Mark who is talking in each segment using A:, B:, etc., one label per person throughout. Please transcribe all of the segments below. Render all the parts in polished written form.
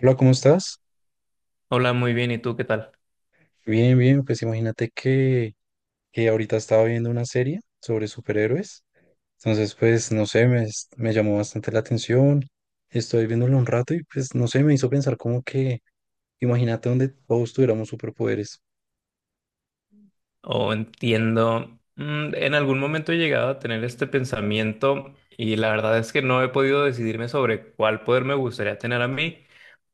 A: Hola, ¿cómo estás?
B: Hola, muy bien. ¿Y tú qué tal?
A: Bien, bien, pues imagínate que ahorita estaba viendo una serie sobre superhéroes. Entonces, pues, no sé, me llamó bastante la atención. Estoy viéndolo un rato y pues, no sé, me hizo pensar como que, imagínate donde todos tuviéramos superpoderes.
B: O entiendo. En algún momento he llegado a tener este pensamiento y la verdad es que no he podido decidirme sobre cuál poder me gustaría tener a mí.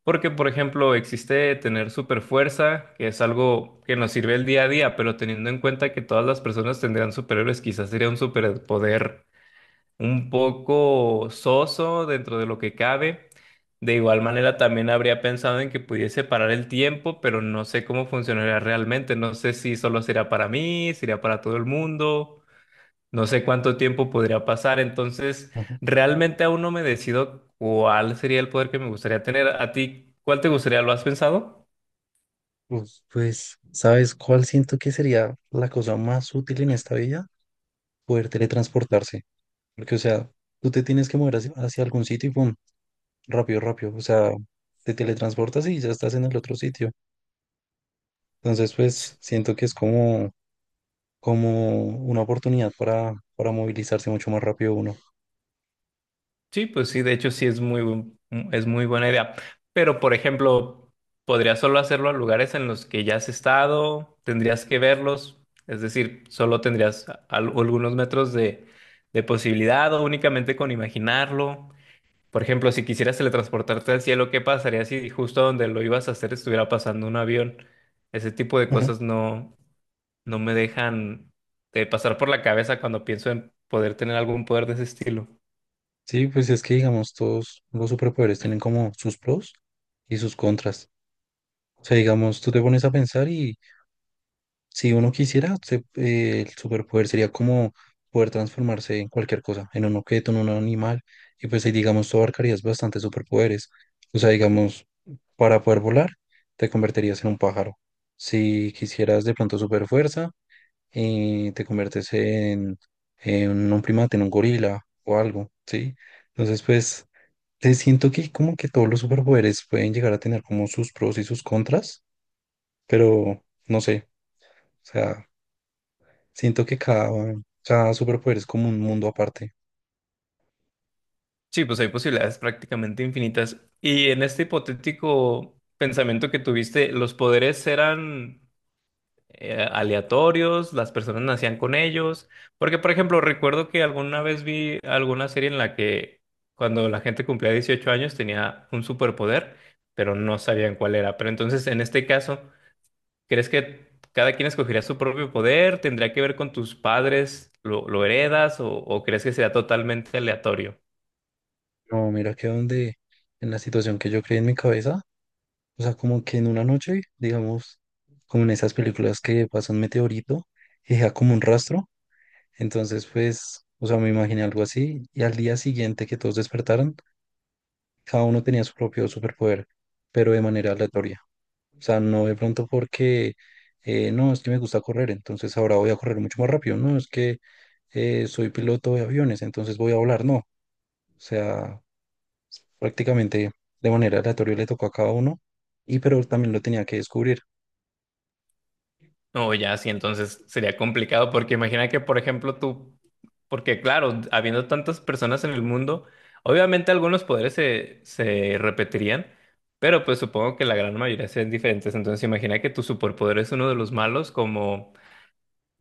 B: Porque, por ejemplo, existe tener super fuerza, que es algo que nos sirve el día a día, pero teniendo en cuenta que todas las personas tendrán superhéroes, quizás sería un superpoder un poco soso dentro de lo que cabe. De igual manera, también habría pensado en que pudiese parar el tiempo, pero no sé cómo funcionaría realmente. No sé si solo será para mí, será para todo el mundo. No sé cuánto tiempo podría pasar. Entonces,
A: Ujú.
B: realmente aún no me decido cuál sería el poder que me gustaría tener. ¿A ti cuál te gustaría? ¿Lo has pensado?
A: Pues, ¿sabes cuál siento que sería la cosa más útil en esta vida? Poder teletransportarse. Porque, o sea, tú te tienes que mover hacia algún sitio y pum, rápido, rápido. O sea, te teletransportas y ya estás en el otro sitio. Entonces, pues siento que es como, como una oportunidad para movilizarse mucho más rápido uno.
B: Sí, pues sí, de hecho sí es es muy buena idea. Pero, por ejemplo, podrías solo hacerlo a lugares en los que ya has estado, tendrías que verlos, es decir, solo tendrías algunos metros de posibilidad o únicamente con imaginarlo. Por ejemplo, si quisieras teletransportarte al cielo, ¿qué pasaría si justo donde lo ibas a hacer estuviera pasando un avión? Ese tipo de
A: Ujú.
B: cosas no me dejan de pasar por la cabeza cuando pienso en poder tener algún poder de ese estilo.
A: Sí, pues es que digamos, todos los superpoderes tienen como sus pros y sus contras. O sea, digamos, tú te pones a pensar y si uno quisiera, el superpoder sería como poder transformarse en cualquier cosa, en un objeto, en un animal, y pues ahí digamos, tú abarcarías bastantes superpoderes. O sea, digamos, para poder volar, te convertirías en un pájaro. Si quisieras de pronto super fuerza, y te conviertes en un primate, en un gorila o algo, ¿sí? Entonces, pues, te siento que como que todos los superpoderes pueden llegar a tener como sus pros y sus contras, pero no sé, o sea, siento que cada, cada superpoder es como un mundo aparte.
B: Sí, pues hay posibilidades prácticamente infinitas. Y en este hipotético pensamiento que tuviste, ¿los poderes eran aleatorios? ¿Las personas nacían con ellos? Porque, por ejemplo, recuerdo que alguna vez vi alguna serie en la que cuando la gente cumplía 18 años tenía un superpoder, pero no sabían cuál era. Pero entonces, en este caso, ¿crees que cada quien escogería su propio poder? ¿Tendría que ver con tus padres? ¿Lo heredas? O crees que sería totalmente aleatorio?
A: No, mira que donde, en la situación que yo creé en mi cabeza, o sea, como que en una noche, digamos, como en esas películas que pasa un meteorito y deja como un rastro. Entonces, pues, o sea, me imaginé algo así y al día siguiente que todos despertaron, cada uno tenía su propio superpoder, pero de manera aleatoria. O sea, no de pronto porque, no, es que me gusta correr, entonces ahora voy a correr mucho más rápido, no, es que soy piloto de aviones, entonces voy a volar, no. O sea, prácticamente de manera aleatoria le tocó a cada uno y pero también lo tenía que descubrir.
B: No, ya, sí, entonces sería complicado porque imagina que, por ejemplo, tú, porque claro, habiendo tantas personas en el mundo, obviamente algunos poderes se repetirían, pero pues supongo que la gran mayoría serían diferentes. Entonces imagina que tu superpoder es uno de los malos, como...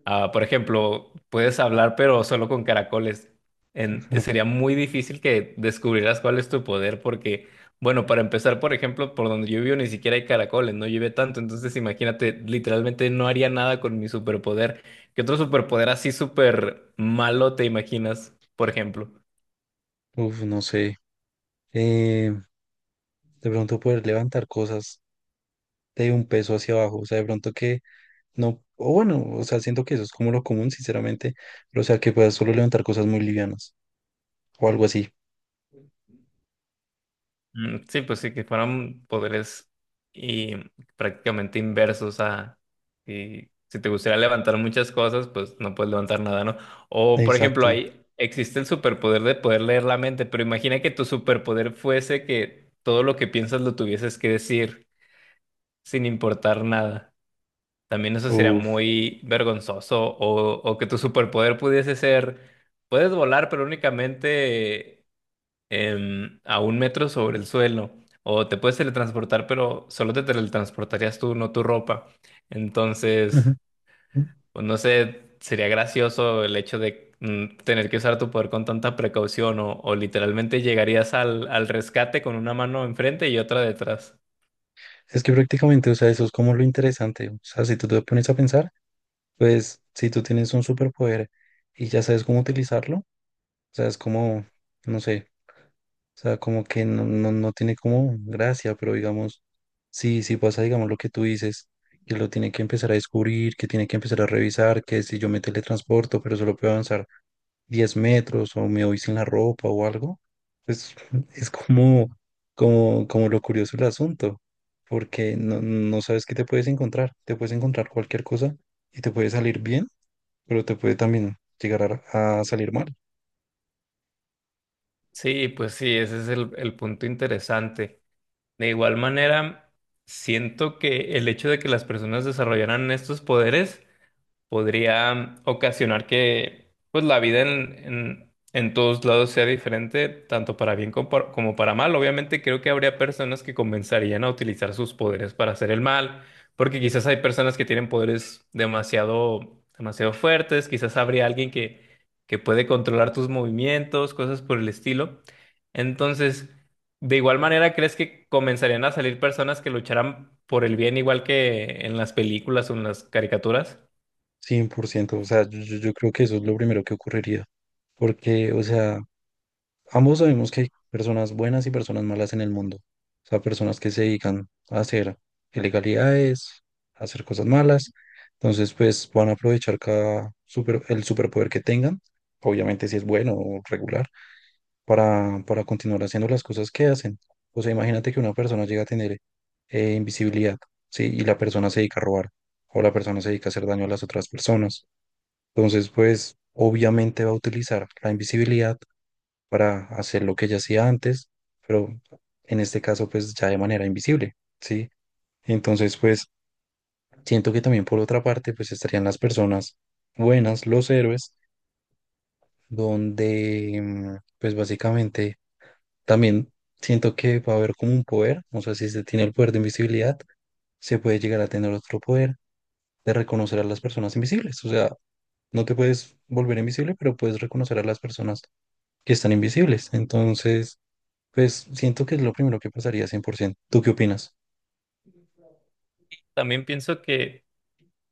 B: Ah, por ejemplo, puedes hablar pero solo con caracoles. Sería muy difícil que descubrieras cuál es tu poder porque, bueno, para empezar, por ejemplo, por donde yo vivo ni siquiera hay caracoles, no llueve tanto, entonces imagínate, literalmente no haría nada con mi superpoder. ¿Qué otro superpoder así súper malo te imaginas, por ejemplo?
A: Uf, no sé. Eh, de pronto poder levantar cosas de un peso hacia abajo, o sea, de pronto que no, o bueno, o sea, siento que eso es como lo común, sinceramente, pero o sea, que puedas solo levantar cosas muy livianas o algo así.
B: Sí, pues sí, que fueran poderes y prácticamente inversos a si, si te gustaría levantar muchas cosas, pues no puedes levantar nada, ¿no? O por ejemplo,
A: Exacto.
B: ahí existe el superpoder de poder leer la mente, pero imagina que tu superpoder fuese que todo lo que piensas lo tuvieses que decir sin importar nada. También eso sería
A: Uf.
B: muy vergonzoso. O que tu superpoder pudiese ser, puedes volar, pero únicamente a un metro sobre el suelo. O te puedes teletransportar, pero solo te teletransportarías tú, no tu ropa.
A: Ujú.
B: Entonces, pues no sé, sería gracioso el hecho de tener que usar tu poder con tanta precaución o literalmente llegarías al rescate con una mano enfrente y otra detrás.
A: Es que prácticamente, o sea, eso es como lo interesante. O sea, si tú te pones a pensar, pues si tú tienes un superpoder y ya sabes cómo utilizarlo, o sea, es como, no sé, o sea, como que no tiene como gracia, pero digamos, sí, sí pasa, digamos, lo que tú dices, que lo tiene que empezar a descubrir, que tiene que empezar a revisar, que si yo me teletransporto, pero solo puedo avanzar 10 metros o me voy sin la ropa o algo, pues es como, como lo curioso del asunto, porque no, no sabes qué te puedes encontrar cualquier cosa y te puede salir bien, pero te puede también llegar a salir mal,
B: Sí, pues sí, ese es el punto interesante. De igual manera, siento que el hecho de que las personas desarrollaran estos poderes podría ocasionar que pues la vida en todos lados sea diferente, tanto para bien como como para mal. Obviamente creo que habría personas que comenzarían a utilizar sus poderes para hacer el mal, porque quizás hay personas que tienen poderes demasiado, demasiado fuertes, quizás habría alguien que puede controlar tus movimientos, cosas por el estilo. Entonces, de igual manera, ¿crees que comenzarían a salir personas que lucharán por el bien igual que en las películas o en las caricaturas?
A: 100%. O sea, yo creo que eso es lo primero que ocurriría, porque, o sea, ambos sabemos que hay personas buenas y personas malas en el mundo. O sea, personas que se dedican a hacer ilegalidades, a hacer cosas malas. Entonces, pues van a aprovechar cada super, el superpoder que tengan, obviamente si es bueno o regular, para continuar haciendo las cosas que hacen. O sea, imagínate que una persona llega a tener invisibilidad, ¿sí? Y la persona se dedica a robar o la persona se dedica a hacer daño a las otras personas. Entonces, pues obviamente va a utilizar la invisibilidad para hacer lo que ella hacía antes, pero en este caso pues ya de manera invisible, ¿sí? Entonces pues siento que también por otra parte pues estarían las personas buenas, los héroes, donde pues básicamente también siento que va a haber como un poder, no sé si se tiene el poder de invisibilidad, se puede llegar a tener otro poder de reconocer a las personas invisibles, o sea, no te puedes volver invisible, pero puedes reconocer a las personas que están invisibles, entonces... Pues siento que es lo primero que pasaría 100%. ¿Tú qué opinas?
B: También pienso que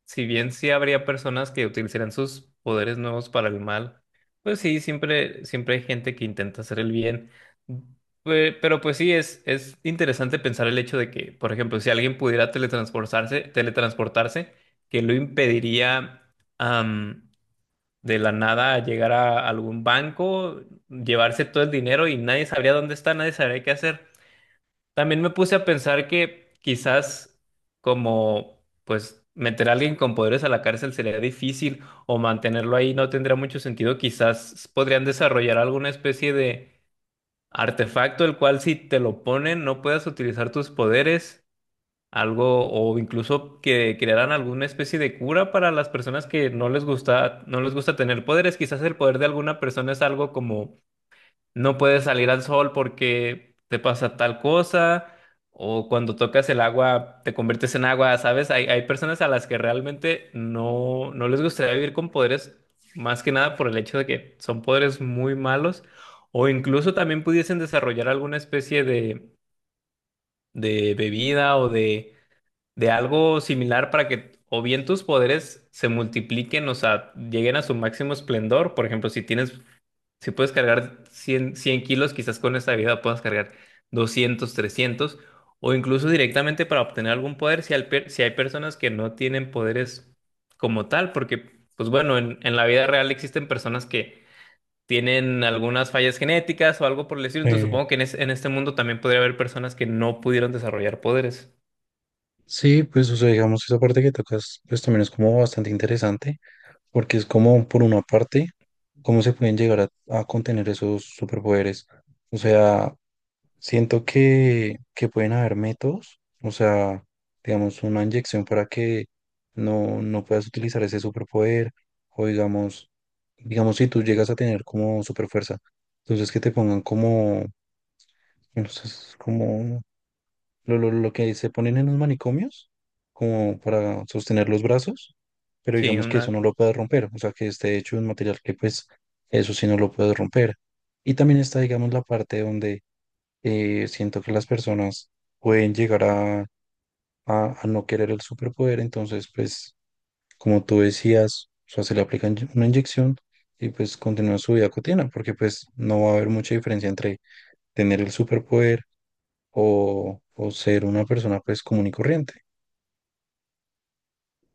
B: si bien sí habría personas que utilizarían sus poderes nuevos para el mal, pues sí, siempre, siempre hay gente que intenta hacer el bien. Pero pues sí, es interesante pensar el hecho de que, por ejemplo, si alguien pudiera teletransportarse, que lo impediría am, de la nada llegar a algún banco, llevarse todo el dinero y nadie sabría dónde está, nadie sabría qué hacer. También me puse a pensar que quizás como pues meter a alguien con poderes a la cárcel sería difícil o mantenerlo ahí no tendría mucho sentido. Quizás podrían desarrollar alguna especie de artefacto el cual si te lo ponen no puedas utilizar tus poderes, algo o incluso que crearan alguna especie de cura para las personas que no les gusta tener poderes. Quizás el poder de alguna persona es algo como no puedes salir al sol porque te pasa tal cosa, o cuando tocas el agua te conviertes en agua, ¿sabes? Hay personas a las que realmente no, no les gustaría vivir con poderes, más que nada por el hecho de que son poderes muy malos, o incluso también pudiesen desarrollar alguna especie de bebida o de algo similar para que... O bien tus poderes se multipliquen, o sea, lleguen a su máximo esplendor. Por ejemplo, si puedes cargar 100 100 kilos, quizás con esta vida puedas cargar 200 300 o incluso directamente para obtener algún poder, si hay personas que no tienen poderes como tal, porque, pues bueno, en la vida real existen personas que tienen algunas fallas genéticas o algo por el estilo, entonces
A: Eh,
B: supongo que en este mundo también podría haber personas que no pudieron desarrollar poderes.
A: sí, pues o sea, digamos, esa parte que tocas, pues también es como bastante interesante, porque es como, por una parte, cómo se pueden llegar a contener esos superpoderes. O sea, siento que pueden haber métodos, o sea, digamos, una inyección para que no puedas utilizar ese superpoder, o digamos, digamos, si tú llegas a tener como superfuerza, entonces que te pongan como entonces es como lo que se ponen en los manicomios, como para sostener los brazos, pero
B: Sí,
A: digamos que eso
B: una
A: no lo puede romper, o sea, que esté hecho de un material que pues eso sí no lo puede romper. Y también está, digamos, la parte donde siento que las personas pueden llegar a no querer el superpoder, entonces pues como tú decías, o sea, se le aplica una inyección y pues continúa su vida cotidiana, porque pues no va a haber mucha diferencia entre tener el superpoder o ser una persona pues común y corriente.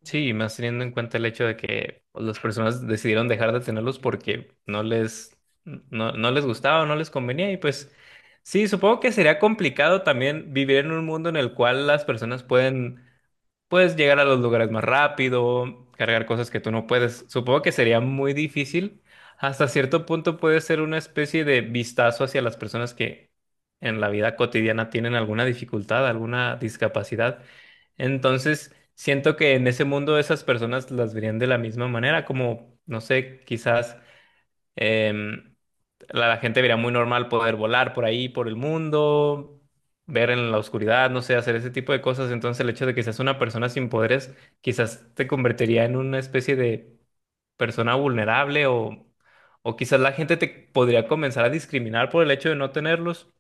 B: Sí, y más teniendo en cuenta el hecho de que pues, las personas decidieron dejar de tenerlos porque no les gustaba, no les convenía y pues sí, supongo que sería complicado también vivir en un mundo en el cual las personas pueden Puedes llegar a los lugares más rápido, cargar cosas que tú no puedes. Supongo que sería muy difícil. Hasta cierto punto puede ser una especie de vistazo hacia las personas que en la vida cotidiana tienen alguna dificultad, alguna discapacidad. Entonces, siento que en ese mundo esas personas las verían de la misma manera, como, no sé, quizás... em, la gente vería muy normal poder volar por ahí, por el mundo, ver en la oscuridad, no sé, hacer ese tipo de cosas. Entonces el hecho de que seas una persona sin poderes quizás te convertiría en una especie de persona vulnerable o quizás la gente te podría comenzar a discriminar por el hecho de no tenerlos.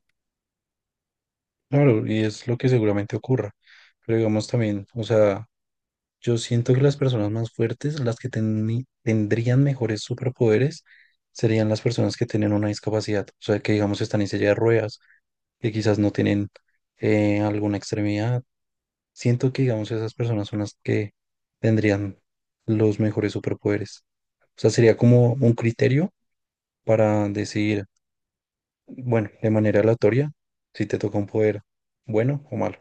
A: Claro, y es lo que seguramente ocurra. Pero digamos también, o sea, yo siento que las personas más fuertes, las que tendrían mejores superpoderes, serían las personas que tienen una discapacidad. O sea, que digamos están en silla de ruedas, que quizás no tienen alguna extremidad. Siento que digamos esas personas son las que tendrían los mejores superpoderes. O sea, sería como un criterio para decidir. Bueno, de manera aleatoria, si te toca un poder bueno o malo.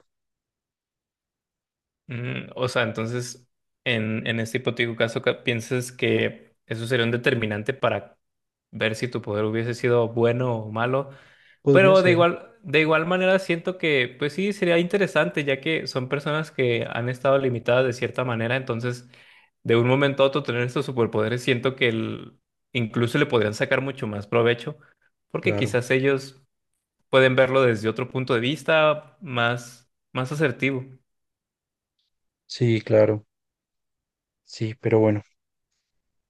B: O sea, entonces en este hipotético caso, ¿qué ¿piensas que eso sería un determinante para ver si tu poder hubiese sido bueno o malo?
A: Podría
B: Pero
A: ser,
B: de igual manera siento que, pues sí, sería interesante, ya que son personas que han estado limitadas de cierta manera, entonces de un momento a otro tener estos superpoderes, siento que incluso le podrían sacar mucho más provecho, porque
A: claro.
B: quizás ellos pueden verlo desde otro punto de vista más, más asertivo.
A: Sí, claro. Sí, pero bueno,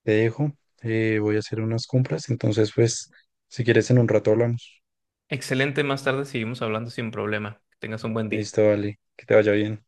A: te dejo. Voy a hacer unas compras. Entonces, pues, si quieres en un rato hablamos.
B: Excelente, más tarde seguimos hablando sin problema. Que tengas un buen día.
A: Listo, vale. Que te vaya bien.